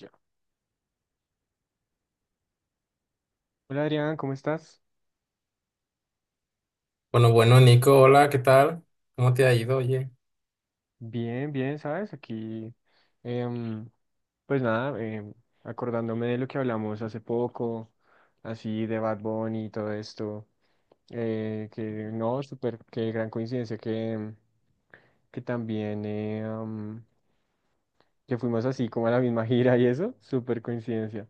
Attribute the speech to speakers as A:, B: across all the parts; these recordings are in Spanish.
A: Ya. Hola Adrián, ¿cómo estás?
B: Bueno, bueno, Nico, hola, ¿qué tal? ¿Cómo te ha ido? Oye,
A: Bien, bien, ¿sabes? Aquí, em, pues nada, acordándome de lo que hablamos hace poco, así de Bad Bunny y todo esto, que no, súper, qué gran coincidencia que, que también, que fuimos así como a la misma gira y eso, súper coincidencia,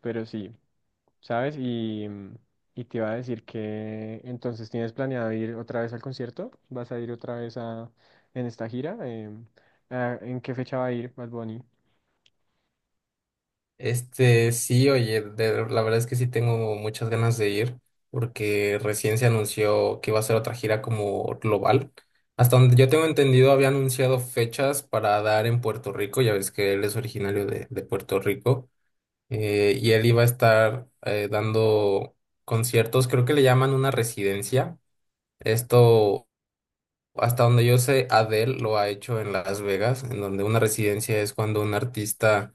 A: pero sí, ¿sabes? Y, mm, y te iba a decir que entonces tienes planeado ir otra vez al concierto, ¿vas a ir otra vez en esta gira? ¿En qué fecha va a ir Bad Bunny?
B: este, sí, oye, la verdad es que sí tengo muchas ganas de ir porque recién se anunció que iba a ser otra gira como global. Hasta donde yo tengo entendido, había anunciado fechas para dar en Puerto Rico, ya ves que él es originario de Puerto Rico, y él iba a estar dando conciertos, creo que le llaman una residencia. Esto Hasta donde yo sé, Adele lo ha hecho en Las Vegas, en donde una residencia es cuando un artista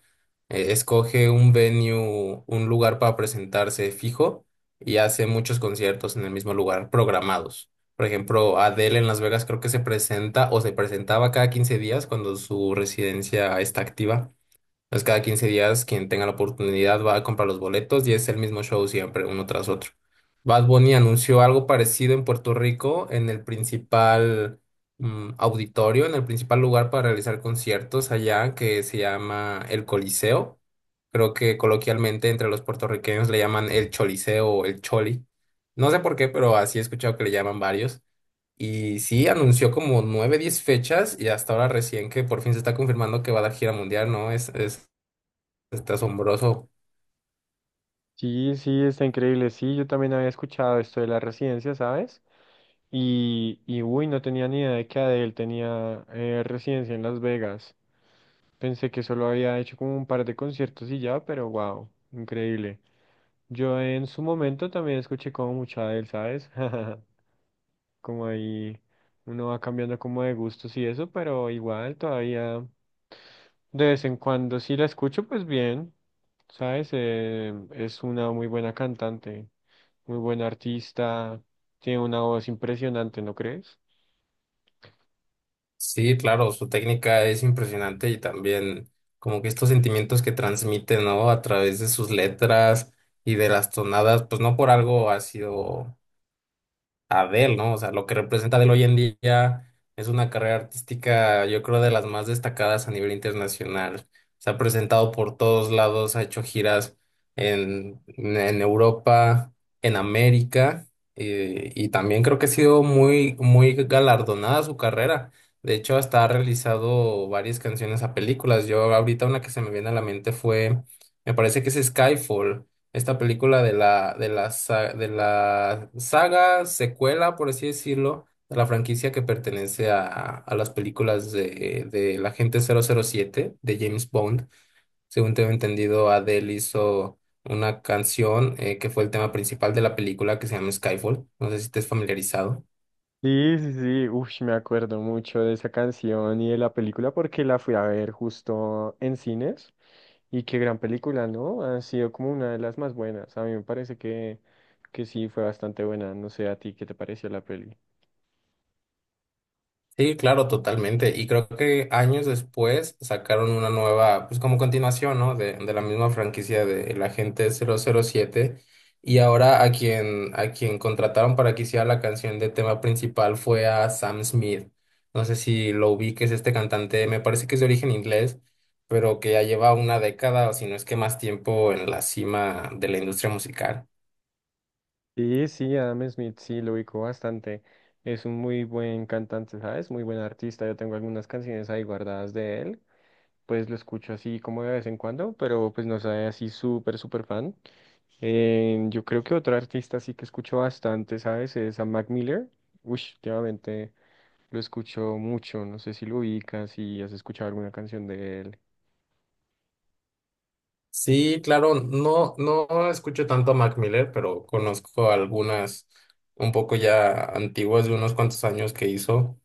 B: escoge un venue, un lugar para presentarse fijo y hace muchos conciertos en el mismo lugar programados. Por ejemplo, Adele en Las Vegas creo que se presenta o se presentaba cada 15 días cuando su residencia está activa. Entonces, cada 15 días, quien tenga la oportunidad va a comprar los boletos y es el mismo show siempre, uno tras otro. Bad Bunny anunció algo parecido en Puerto Rico, en el principal, auditorio, en el principal lugar para realizar conciertos allá, que se llama el Coliseo. Creo que coloquialmente entre los puertorriqueños le llaman el Choliseo o el Choli. No sé por qué, pero así he escuchado que le llaman varios. Y sí, anunció como nueve, diez fechas y hasta ahora recién que por fin se está confirmando que va a dar gira mundial, ¿no? Es Está asombroso.
A: Sí, sí, está increíble. Sí, yo también había escuchado esto de la residencia, ¿sabes? Y uy, no tenía ni idea de que Adele tenía residencia en Las Vegas. Pensé que solo había hecho como un par de conciertos y ya, pero wow, increíble. Yo en su momento también escuché como mucho Adele, ¿sabes? Como ahí uno va cambiando como de gustos y eso, pero igual todavía. De vez en cuando sí la escucho, pues bien, ¿sabes? Es una muy buena cantante, muy buena artista, tiene una voz impresionante, ¿no crees?
B: Sí, claro, su técnica es impresionante y también como que estos sentimientos que transmite, ¿no? A través de sus letras y de las tonadas, pues no por algo ha sido Adele, ¿no? O sea, lo que representa Adele hoy en día es una carrera artística, yo creo, de las más destacadas a nivel internacional. Se ha presentado por todos lados, ha hecho giras en Europa, en América, y también creo que ha sido muy, muy galardonada su carrera. De hecho, hasta ha realizado varias canciones a películas. Yo ahorita una que se me viene a la mente fue, me parece que es Skyfall, esta película de de la saga, secuela, por así decirlo, de la franquicia que pertenece a las películas de el agente 007 de James Bond. Según tengo entendido, Adele hizo una canción que fue el tema principal de la película que se llama Skyfall. No sé si estés familiarizado.
A: Sí, sí, sí, uf, me acuerdo mucho de esa canción y de la película porque la fui a ver justo en cines y qué gran película, ¿no? Ha sido como una de las más buenas, a mí me parece que sí fue bastante buena, no sé a ti qué te pareció la peli.
B: Sí, claro, totalmente. Y creo que años después sacaron una nueva, pues como continuación, ¿no? De la misma franquicia de El Agente 007. Y ahora a quien contrataron para que hiciera la canción de tema principal fue a Sam Smith. No sé si lo ubiques, este cantante, me parece que es de origen inglés, pero que ya lleva una década o si no es que más tiempo en la cima de la industria musical.
A: Sí, sí, Adam Smith, sí, lo ubico bastante. Es un muy buen cantante, ¿sabes? Muy buen artista. Yo tengo algunas canciones ahí guardadas de él. Pues lo escucho así como de vez en cuando, pero pues no soy así súper, súper fan. Yo creo que otro artista sí que escucho bastante, ¿sabes? Es a Mac Miller. Uy, últimamente lo escucho mucho. No sé si lo ubicas, si has escuchado alguna canción de él.
B: Sí, claro, no, no escucho tanto a Mac Miller, pero conozco algunas un poco ya antiguas de unos cuantos años que hizo.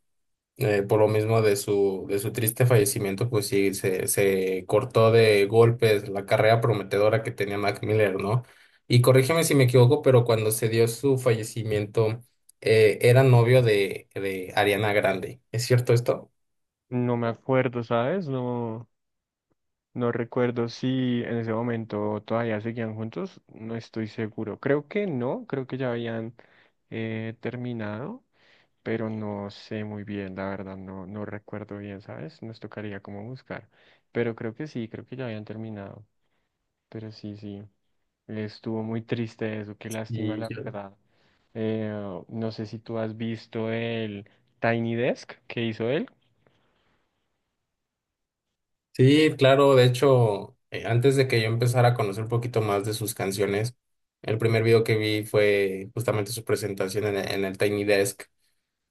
B: Por lo mismo de su triste fallecimiento, pues sí, se cortó de golpes la carrera prometedora que tenía Mac Miller, ¿no? Y corrígeme si me equivoco, pero cuando se dio su fallecimiento, era novio de Ariana Grande. ¿Es cierto esto?
A: No me acuerdo, ¿sabes? No. No recuerdo si en ese momento todavía seguían juntos, no estoy seguro. Creo que no, creo que ya habían terminado, pero no sé muy bien, la verdad, no, no recuerdo bien, ¿sabes? Nos tocaría como buscar, pero creo que sí, creo que ya habían terminado, pero sí, sí, estuvo muy triste eso, qué lástima,
B: Y
A: la verdad. Eh, no sé si tú has visto el Tiny Desk que hizo él.
B: Sí, claro, de hecho, antes de que yo empezara a conocer un poquito más de sus canciones, el primer video que vi fue justamente su presentación en el Tiny Desk.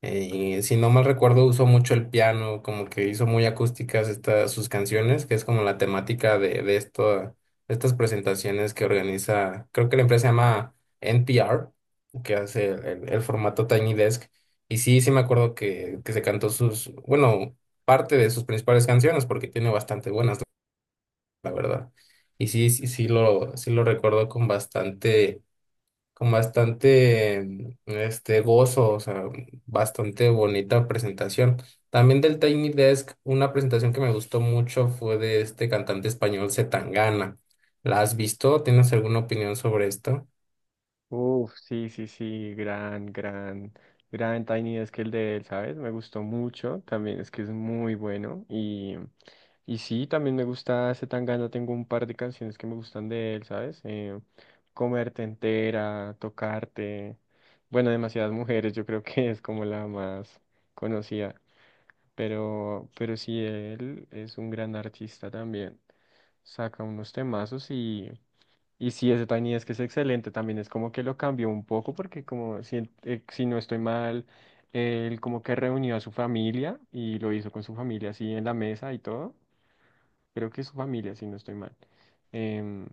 B: Y si no mal recuerdo, usó mucho el piano, como que hizo muy acústicas estas sus canciones, que es como la temática de estas presentaciones que organiza, creo que la empresa se llama NPR, que hace el formato Tiny Desk. Y sí, sí me acuerdo que se cantó sus, bueno, parte de sus principales canciones, porque tiene bastante buenas, la verdad. Y sí, sí, sí lo recuerdo con bastante, con bastante este, gozo, o sea, bastante bonita presentación. También del Tiny Desk, una presentación que me gustó mucho fue de este cantante español C. Tangana. ¿La has visto? ¿Tienes alguna opinión sobre esto?
A: Uf, sí, sí, sí, gran, gran, gran Tiny Desk el de él, ¿sabes? Me gustó mucho, también es que es muy bueno y sí, también me gusta Zetangana, tengo un par de canciones que me gustan de él, ¿sabes? Comerte entera, Tocarte, bueno, demasiadas mujeres, yo creo que es como la más conocida, pero sí, él es un gran artista también, saca unos temazos y... Y sí, ese Tiny Desk es excelente, también es como que lo cambió un poco porque como si, si no estoy mal, él como que reunió a su familia y lo hizo con su familia así en la mesa y todo. Creo que es su familia, si no estoy mal. Em,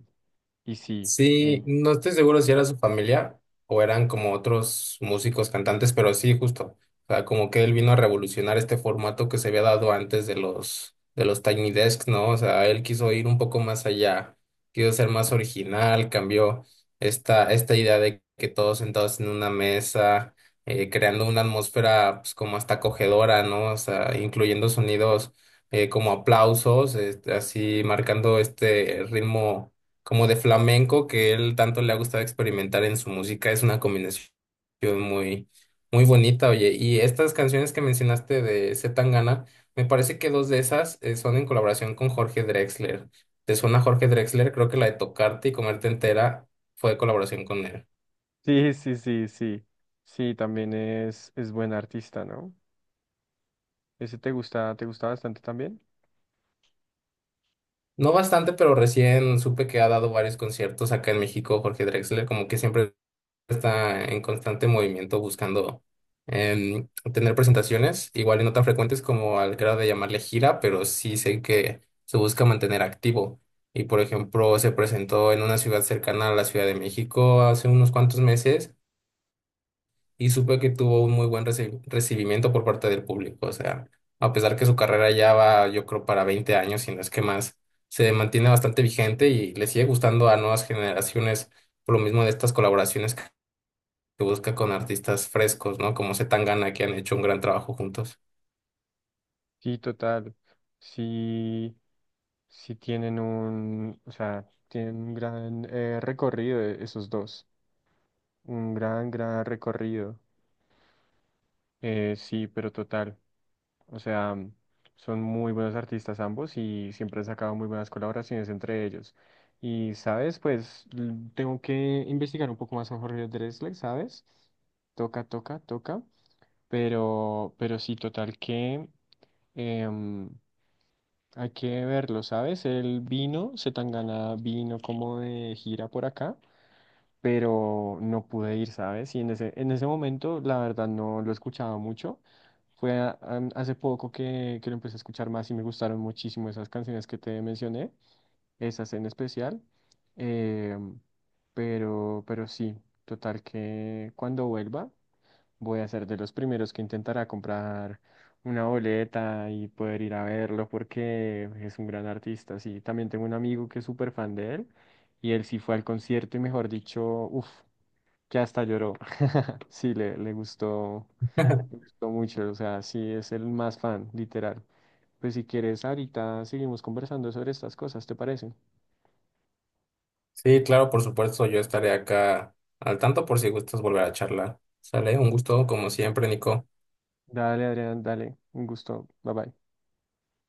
A: y sí,
B: Sí,
A: eh,
B: no estoy seguro si era su familia o eran como otros músicos cantantes, pero sí, justo. O sea, como que él vino a revolucionar este formato que se había dado antes de los Tiny Desks, ¿no? O sea, él quiso ir un poco más allá, quiso ser más original, cambió esta idea de que todos sentados en una mesa, creando una atmósfera pues, como hasta acogedora, ¿no? O sea, incluyendo sonidos como aplausos, este, así marcando este ritmo como de flamenco que él tanto le ha gustado experimentar en su música. Es una combinación muy, muy bonita, oye. Y estas canciones que mencionaste de C. Tangana, me parece que dos de esas son en colaboración con Jorge Drexler. ¿Te suena Jorge Drexler? Creo que la de Tocarte y Comerte Entera fue de colaboración con él.
A: sí, sí, sí, sí. Sí, también es buen artista, ¿no? Ese te gusta bastante también.
B: No bastante, pero recién supe que ha dado varios conciertos acá en México, Jorge Drexler, como que siempre está en constante movimiento buscando, em, tener presentaciones, igual y no tan frecuentes como al grado de llamarle gira, pero sí sé que se busca mantener activo. Y por ejemplo, se presentó en una ciudad cercana a la Ciudad de México hace unos cuantos meses y supe que tuvo un muy buen recibimiento por parte del público. O sea, a pesar que su carrera ya va, yo creo, para 20 años, si no es que más, se mantiene bastante vigente y le sigue gustando a nuevas generaciones por lo mismo de estas colaboraciones que busca con artistas frescos, ¿no? Como Zetangana, que han hecho un gran trabajo juntos.
A: Sí, total. Sí, sí tienen un, o sea, tienen un gran recorrido esos dos. Un gran, gran recorrido. Sí, pero total. O sea, mm, son muy buenos artistas ambos y siempre han sacado muy buenas colaboraciones entre ellos. Y, ¿sabes? Pues tengo que investigar un poco más a Jorge Drexler, ¿sabes? Toca, toca, toca. Pero sí, total que em, hay que verlo, ¿sabes? Él vino, se Zetangana vino como de gira por acá. Pero no pude ir, ¿sabes? Y en en ese momento, la verdad, no lo escuchaba mucho. Hace poco que lo empecé a escuchar más y me gustaron muchísimo esas canciones que te mencioné, esas en especial. Eh, pero sí, total que cuando vuelva voy a ser de los primeros que intentará comprar una boleta y poder ir a verlo porque es un gran artista. Sí, también tengo un amigo que es súper fan de él y él sí fue al concierto y mejor dicho, uff, que hasta lloró. Sí, le gustó mucho, o sea, sí es el más fan, literal. Pues si quieres, ahorita seguimos conversando sobre estas cosas, ¿te parece?
B: Sí, claro, por supuesto, yo estaré acá al tanto por si gustas volver a charlar. Sale, un gusto como siempre, Nico.
A: Dale, Adrián, dale, un gusto, bye bye.